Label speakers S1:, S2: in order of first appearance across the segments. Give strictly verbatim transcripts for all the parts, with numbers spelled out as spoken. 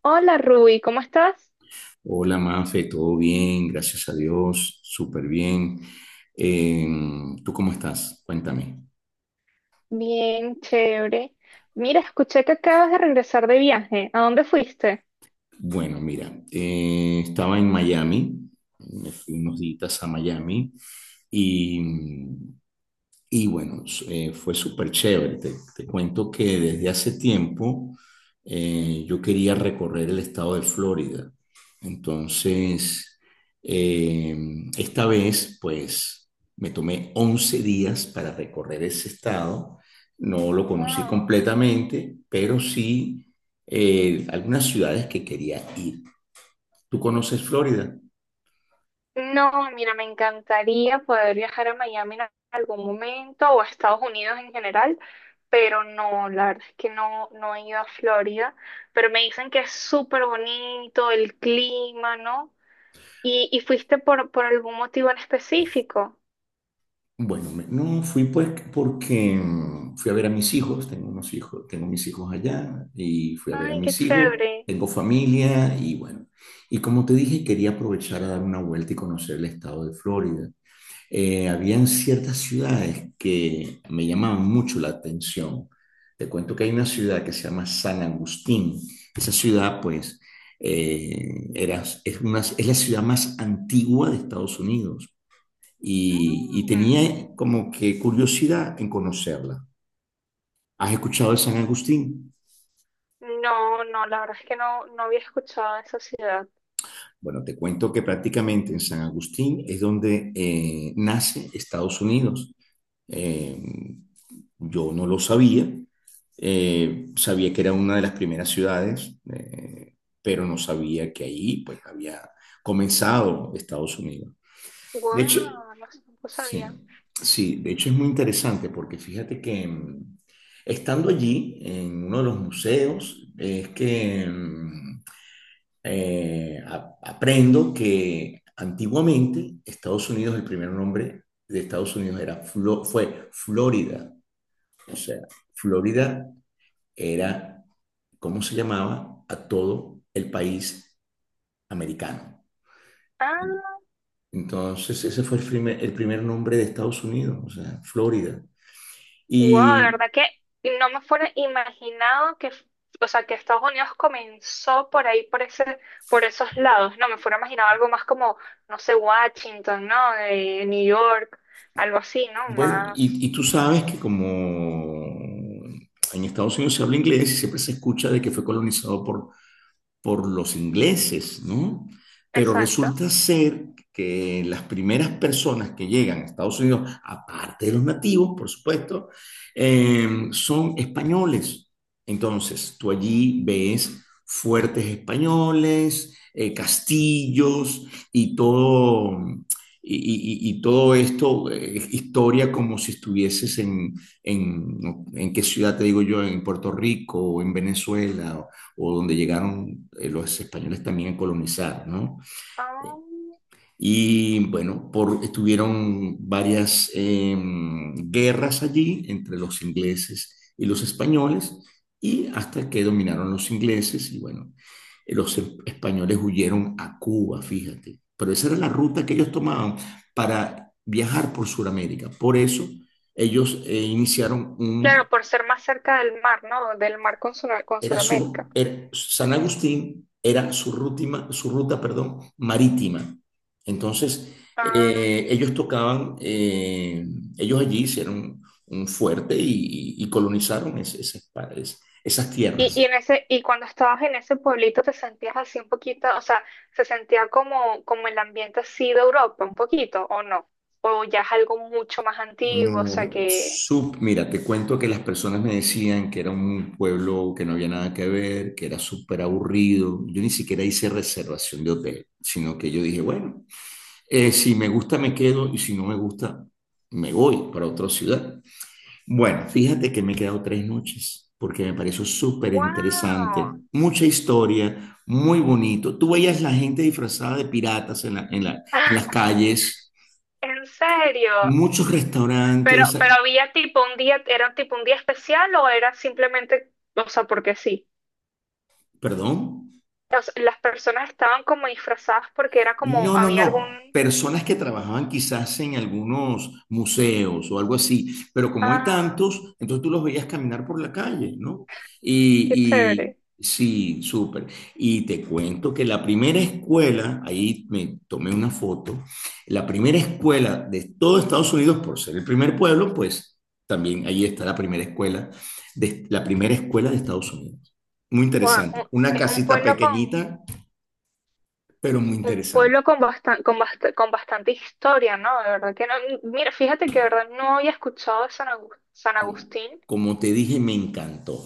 S1: Hola Ruby, ¿cómo estás?
S2: Hola Mafe, todo bien, gracias a Dios, súper bien. Eh, ¿tú cómo estás? Cuéntame.
S1: Bien, chévere. Mira, escuché que acabas de regresar de viaje. ¿A dónde fuiste?
S2: Bueno, mira, eh, estaba en Miami, me fui unos días a Miami y, y bueno, s- eh, fue súper chévere. Te, te cuento que desde hace tiempo eh, yo quería recorrer el estado de Florida. Entonces, eh, esta vez, pues, me tomé once días para recorrer ese estado. No lo conocí
S1: Wow.
S2: completamente, pero sí eh, algunas ciudades que quería ir. ¿Tú conoces Florida?
S1: No, mira, me encantaría poder viajar a Miami en algún momento o a Estados Unidos en general, pero no, la verdad es que no, no he ido a Florida, pero me dicen que es súper bonito el clima, ¿no? ¿Y, y fuiste por, por algún motivo en específico?
S2: Bueno, me- no fui pues porque mm, fui a ver a mis hijos, tengo unos hijos, tengo mis hijos allá y fui a ver a
S1: Ay, qué
S2: mis hijos,
S1: chévere.
S2: tengo familia y bueno, y como te dije, quería aprovechar a dar una vuelta y conocer el estado de Florida. Eh, habían ciertas ciudades que me llamaban mucho la atención. Te cuento que hay una ciudad que se llama San Agustín. Esa ciudad, pues, eh, era, es, una, es la ciudad más antigua de Estados Unidos y, y
S1: Mm.
S2: tenía como que curiosidad en conocerla. ¿Has escuchado de San Agustín?
S1: No, no, la verdad es que no, no había escuchado de esa ciudad.
S2: Bueno, te cuento que prácticamente en San Agustín es donde eh, nace Estados Unidos. Eh, yo no lo sabía, eh, sabía que era una de las primeras ciudades, eh, pero no sabía que ahí pues había comenzado Estados Unidos. De hecho,
S1: Wow, no, s- no sabía.
S2: sí, sí, de hecho es muy interesante porque fíjate que mm, estando allí en uno de los museos es que mm, eh, a- aprendo que antiguamente Estados Unidos, el primer nombre de Estados Unidos era Flo- fue Florida. O sea, Florida era cómo se llamaba a todo el país americano.
S1: Ah,
S2: Entonces, ese fue el primer, el primer nombre de Estados Unidos, o sea, Florida.
S1: wow, de
S2: Y
S1: verdad que no me fuera imaginado que, f- o sea, que Estados Unidos comenzó por ahí, por ese, por esos lados. No me fuera imaginado algo más como, no sé, Washington, ¿no? De New York, algo así, ¿no?
S2: bueno, y, y
S1: Más.
S2: tú sabes que como en Estados Unidos se habla inglés y siempre se escucha de que fue colonizado por por los ingleses, ¿no? Pero
S1: Exacto.
S2: resulta ser que las primeras personas que llegan a Estados Unidos, aparte de los nativos, por supuesto, eh, son españoles. Entonces, tú allí
S1: Mm,
S2: ves fuertes españoles, eh, castillos y todo, y, y- y todo esto, eh, historia como si estuvieses en, en, ¿en qué ciudad te digo yo? En Puerto Rico o en Venezuela o donde llegaron eh, los españoles también a colonizar, ¿no?
S1: ah,
S2: Y bueno, por, estuvieron varias eh, guerras allí entre los ingleses y los españoles, y hasta que dominaron los ingleses, y bueno, eh, los e- españoles huyeron a Cuba, fíjate. Pero esa era la ruta que ellos tomaban para viajar por Sudamérica. Por eso ellos eh, iniciaron un
S1: claro, por ser más cerca del mar, ¿no? Del mar con, Sura- con
S2: era
S1: Sudamérica.
S2: su, era, San Agustín era su, rutima, su ruta, perdón, marítima. Entonces,
S1: Ah.
S2: eh, ellos tocaban, eh, ellos allí hicieron un fuerte y, y colonizaron ese, ese, esas
S1: Y,
S2: tierras.
S1: y, en ese, y cuando estabas en ese pueblito te sentías así un poquito, o sea, se sentía como, como el ambiente así de Europa, un poquito, ¿o no? O ya es algo mucho más antiguo, o sea que,
S2: Sub, mira, te cuento que las personas me decían que era un pueblo que no había nada que ver, que era súper aburrido. Yo ni siquiera hice reservación de hotel, sino que yo dije, bueno, eh, si me gusta, me quedo y si no me gusta, me voy para otra ciudad. Bueno, fíjate que me he quedado tres noches porque me pareció súper
S1: wow,
S2: interesante, mucha historia, muy bonito. Tú veías la gente disfrazada de piratas en, la- en la- en las calles,
S1: en serio.
S2: muchos
S1: Pero,
S2: restaurantes,
S1: pero había tipo un día, era tipo un día especial o era simplemente, o sea, porque sí.
S2: perdón.
S1: O sea, las personas estaban como disfrazadas porque era como,
S2: No, no,
S1: había
S2: no.
S1: algún,
S2: Personas que trabajaban quizás en algunos museos o algo así, pero como hay
S1: ah,
S2: tantos, entonces tú los veías caminar por la calle, ¿no?
S1: qué
S2: Y, y
S1: chévere.
S2: sí, súper. Y te cuento que la primera escuela, ahí me tomé una foto, la primera escuela de todo Estados Unidos, por ser el primer pueblo, pues también ahí está la primera escuela, de, la primera escuela de Estados Unidos. Muy
S1: Wow,
S2: interesante. Una
S1: es un
S2: casita
S1: pueblo con,
S2: pequeñita, pero muy
S1: un
S2: interesante.
S1: pueblo con, bastan- con, bast- con bastante historia, ¿no? De verdad que no. Mira, fíjate que de verdad no había escuchado de San Agus- San
S2: Como,
S1: Agustín,
S2: como te dije, me encantó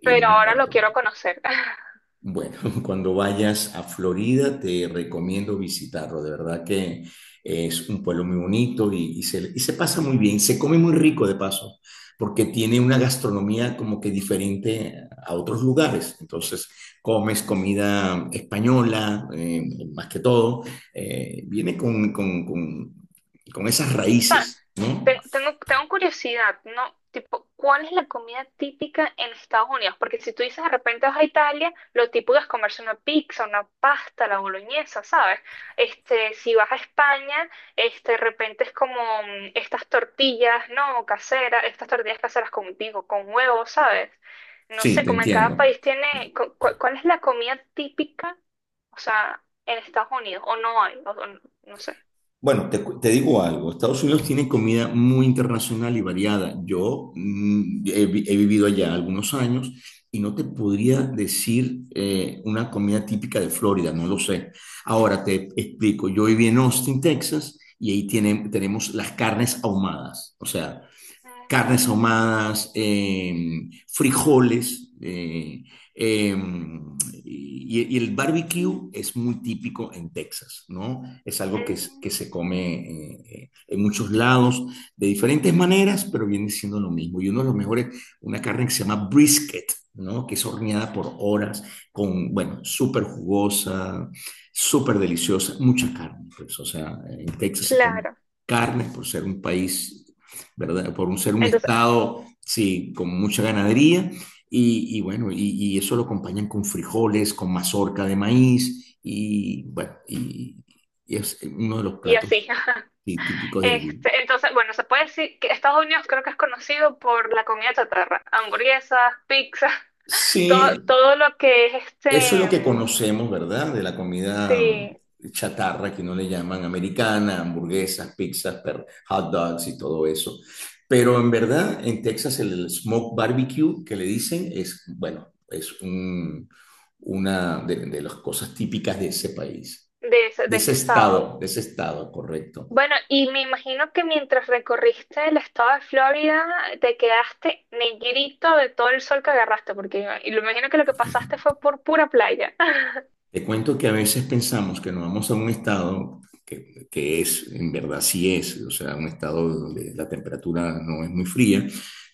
S2: y me
S1: pero ahora lo
S2: encantó.
S1: quiero conocer.
S2: Bueno, cuando vayas a Florida te recomiendo visitarlo, de verdad que es un pueblo muy bonito y, y se, y se pasa muy bien, se come muy rico de paso, porque tiene una gastronomía como que diferente a otros lugares. Entonces, comes comida española, eh, más que todo, eh, viene con, con, con, con esas
S1: Pa,
S2: raíces, ¿no?
S1: tengo, tengo, tengo curiosidad, ¿no? Tipo, ¿cuál es la comida típica en Estados Unidos? Porque si tú dices de repente vas a Italia, lo típico es comerse una pizza, una pasta, la boloñesa, ¿sabes? Este, si vas a España, este, de repente es como mm, estas tortillas, ¿no? Caseras, estas tortillas caseras con, digo, con huevos, ¿sabes? No
S2: Sí,
S1: sé,
S2: te
S1: como en cada
S2: entiendo.
S1: país tiene, cu- cu- ¿cuál es la comida típica, o sea, en Estados Unidos? ¿O no hay? O- o no no sé.
S2: Bueno, te, cu- te digo algo, Estados Unidos tiene comida muy internacional y variada. Yo mm, he, vi- he vivido allá algunos años y no te podría decir eh, una comida típica de Florida, no lo sé. Ahora te explico, yo viví en Austin, Texas, y ahí tiene- tenemos las carnes ahumadas. O sea, carnes
S1: Mm,
S2: ahumadas, eh, frijoles, eh, eh, y, y el barbecue es muy típico en Texas, ¿no? Es algo que, es- que
S1: mm.
S2: se come eh, eh, en muchos lados de diferentes maneras, pero viene siendo lo mismo. Y uno de los mejores, una carne que se llama brisket, ¿no? Que es horneada por horas, con, bueno, súper jugosa, súper deliciosa, mucha carne, pues, o sea, en Texas se come
S1: Claro.
S2: carne por ser un país, ¿verdad? Por un, ser un
S1: Entonces,
S2: Estado, sí, con mucha ganadería. Y, y bueno, y, y, eso lo acompañan con frijoles, con mazorca de maíz, y bueno, y, y es uno de los
S1: y
S2: platos
S1: así.
S2: tí- típicos de allí.
S1: Este, entonces, bueno, se puede decir que Estados Unidos creo que es conocido por la comida chatarra, hamburguesas, pizzas, todo,
S2: Sí,
S1: todo lo que es este,
S2: eso es lo que
S1: mm,
S2: conocemos, ¿verdad? De la comida
S1: sí,
S2: chatarra, que no le llaman americana, hamburguesas, pizzas, per- hot dogs y todo eso. Pero en verdad, en Texas el smoke barbecue que le dicen es, bueno, es un- una de, de las cosas típicas de ese país,
S1: de ese,
S2: de
S1: de ese
S2: ese
S1: estado.
S2: estado, de ese estado, correcto.
S1: Bueno, y me imagino que mientras recorriste el estado de Florida, te quedaste negrito de todo el sol que agarraste, porque y lo imagino que lo que pasaste fue por pura playa.
S2: Te cuento que a veces pensamos que nos vamos a un estado que, que es, en verdad sí es, o sea, un estado donde la temperatura no es muy fría,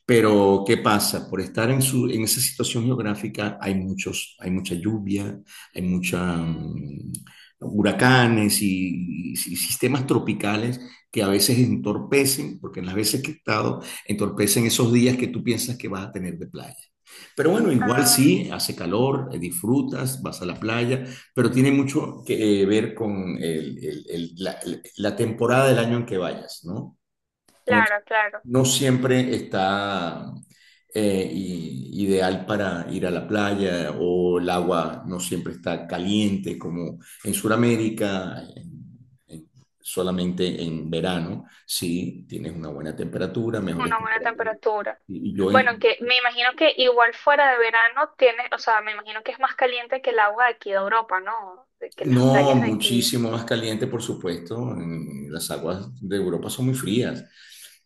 S2: pero ¿qué pasa? Por estar en, su, en esa situación geográfica hay, muchos, hay mucha lluvia, hay mucha...
S1: Mm,
S2: mm, huracanes y, y sistemas tropicales que a veces entorpecen, porque en las veces que he estado, entorpecen esos días que tú piensas que vas a tener de playa. Pero bueno, igual
S1: ah,
S2: sí, hace calor, eh, disfrutas, vas a la playa, pero tiene mucho que eh, ver con el- el- el- la, la temporada del año en que vayas, ¿no? No,
S1: claro, claro.
S2: no siempre está eh, i- ideal para ir a la playa o el agua no siempre está caliente como en Sudamérica, en- en- solamente en verano, sí, tienes una buena temperatura, mejores
S1: Una buena
S2: temperaturas.
S1: temperatura.
S2: Y y yo
S1: Bueno,
S2: en-
S1: que me imagino que igual fuera de verano tiene, o sea, me imagino que es más caliente que el agua de aquí de Europa, ¿no? De que las
S2: No,
S1: playas de aquí,
S2: muchísimo más caliente, por supuesto. en- Las aguas de Europa son muy frías,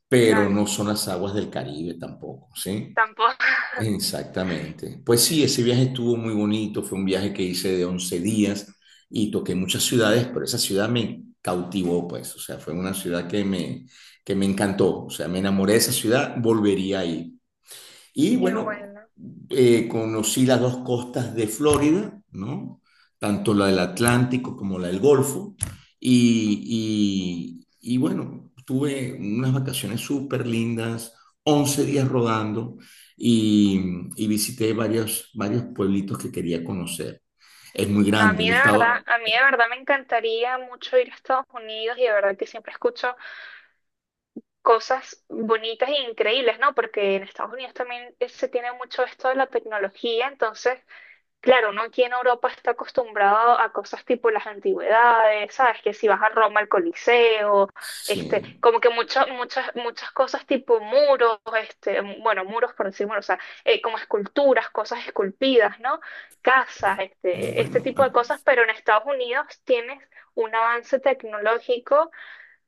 S2: pero
S1: claro.
S2: no son las aguas del Caribe tampoco, ¿sí?
S1: Tampoco.
S2: Exactamente. Pues sí, ese viaje estuvo muy bonito, fue un viaje que hice de once días y toqué muchas ciudades, pero esa ciudad me cautivó, pues, o sea, fue una ciudad que me, que me encantó, o sea, me enamoré de esa ciudad, volvería ahí. Y
S1: Qué
S2: bueno,
S1: bueno.
S2: eh, conocí las dos costas de Florida, ¿no? Tanto la del Atlántico como la del Golfo. Y, y, y bueno, tuve unas vacaciones súper lindas, once días rodando y, y visité varios, varios pueblitos que quería conocer. Es muy
S1: No, a
S2: grande
S1: mí
S2: el
S1: de verdad,
S2: estado.
S1: a mí de verdad me encantaría mucho ir a Estados Unidos y de verdad que siempre escucho cosas bonitas e increíbles, ¿no? Porque en Estados Unidos también eh, se tiene mucho esto de la tecnología, entonces claro, uno aquí en Europa está acostumbrado a cosas tipo las antigüedades, ¿sabes? Que si vas a Roma al Coliseo, este,
S2: Sí,
S1: como que muchas, muchas, muchas cosas tipo muros, este, bueno, muros por decir muros, o sea, eh, como esculturas, cosas esculpidas, ¿no? Casas, este, este
S2: bueno,
S1: tipo de
S2: a-
S1: cosas, pero en Estados Unidos tienes un avance tecnológico,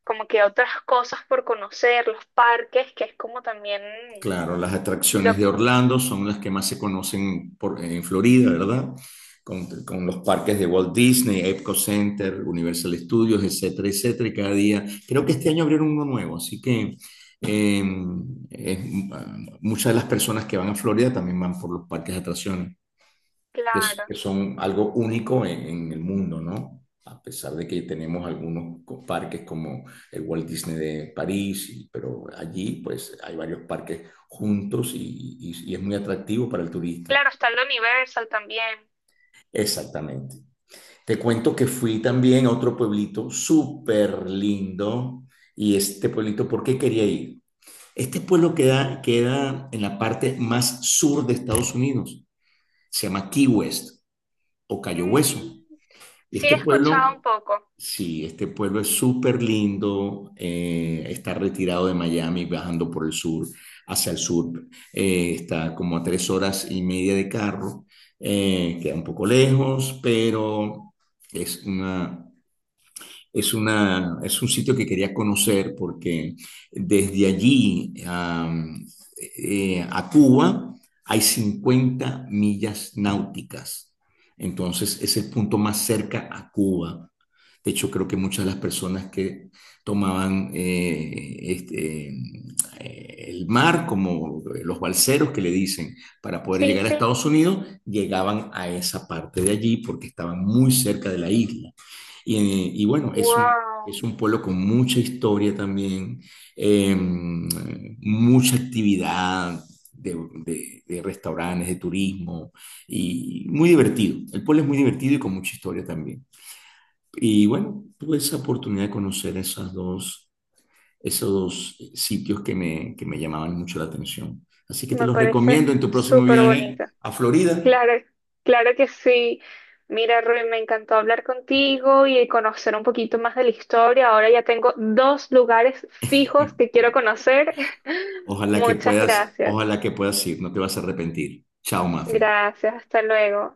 S1: como que otras cosas por conocer, los parques, que es como también
S2: claro, las
S1: lo,
S2: atracciones de Orlando son las que más se conocen por- en Florida, ¿verdad? Con, con los parques de Walt Disney, Epcot Center, Universal Studios, etcétera, etcétera. Y cada día, creo que este año abrieron uno nuevo, así que eh, es- ah, muchas de las personas que van a Florida también van por los parques de atracciones que, s-
S1: claro,
S2: que son algo único en, en el mundo, ¿no? A pesar de que tenemos algunos co- parques como el Walt Disney de París, y- pero allí pues hay varios parques juntos y, y- y es muy atractivo para el turista.
S1: claro, está el Universal también.
S2: Exactamente. Te cuento que fui también a otro pueblito súper lindo y este pueblito, ¿por qué quería ir? Este pueblo queda, queda en la parte más sur de Estados Unidos. Se llama Key West o Cayo Hueso.
S1: Mm,
S2: Y
S1: sí he
S2: este
S1: escuchado
S2: pueblo
S1: un poco.
S2: sí, este pueblo es súper lindo, eh, está retirado de Miami, bajando por el sur, hacia el sur, eh, está como a tres horas y media de carro, eh, queda un poco lejos, pero es una, es una, es un sitio que quería conocer porque desde allí am, eh, a Cuba hay cincuenta millas náuticas, entonces es el punto más cerca a Cuba. De hecho, creo que muchas de las personas que tomaban eh, este, eh, el mar, como eh, los balseros que le dicen, para poder
S1: Sí,
S2: llegar a
S1: sí.
S2: Estados Unidos, llegaban a esa parte de allí porque estaban muy cerca de la isla. Y, eh, y bueno, es un,
S1: Wow,
S2: es un pueblo con mucha historia también, eh, mucha actividad de, de- de restaurantes, de turismo, y muy divertido. El pueblo es muy divertido y con mucha historia también. Y bueno, tuve esa oportunidad de conocer esas dos, esos dos eh, sitios que me, que me llamaban mucho la atención. Así que te
S1: me
S2: los
S1: parece
S2: recomiendo en tu próximo
S1: súper
S2: viaje
S1: bonita.
S2: a Florida.
S1: Claro, claro que sí. Mira, Rui, me encantó hablar contigo y conocer un poquito más de la historia. Ahora ya tengo dos lugares fijos que quiero conocer.
S2: Ojalá que
S1: Muchas
S2: puedas,
S1: gracias.
S2: ojalá que puedas ir, no te vas a arrepentir. Chao, Mafe.
S1: Gracias, hasta luego.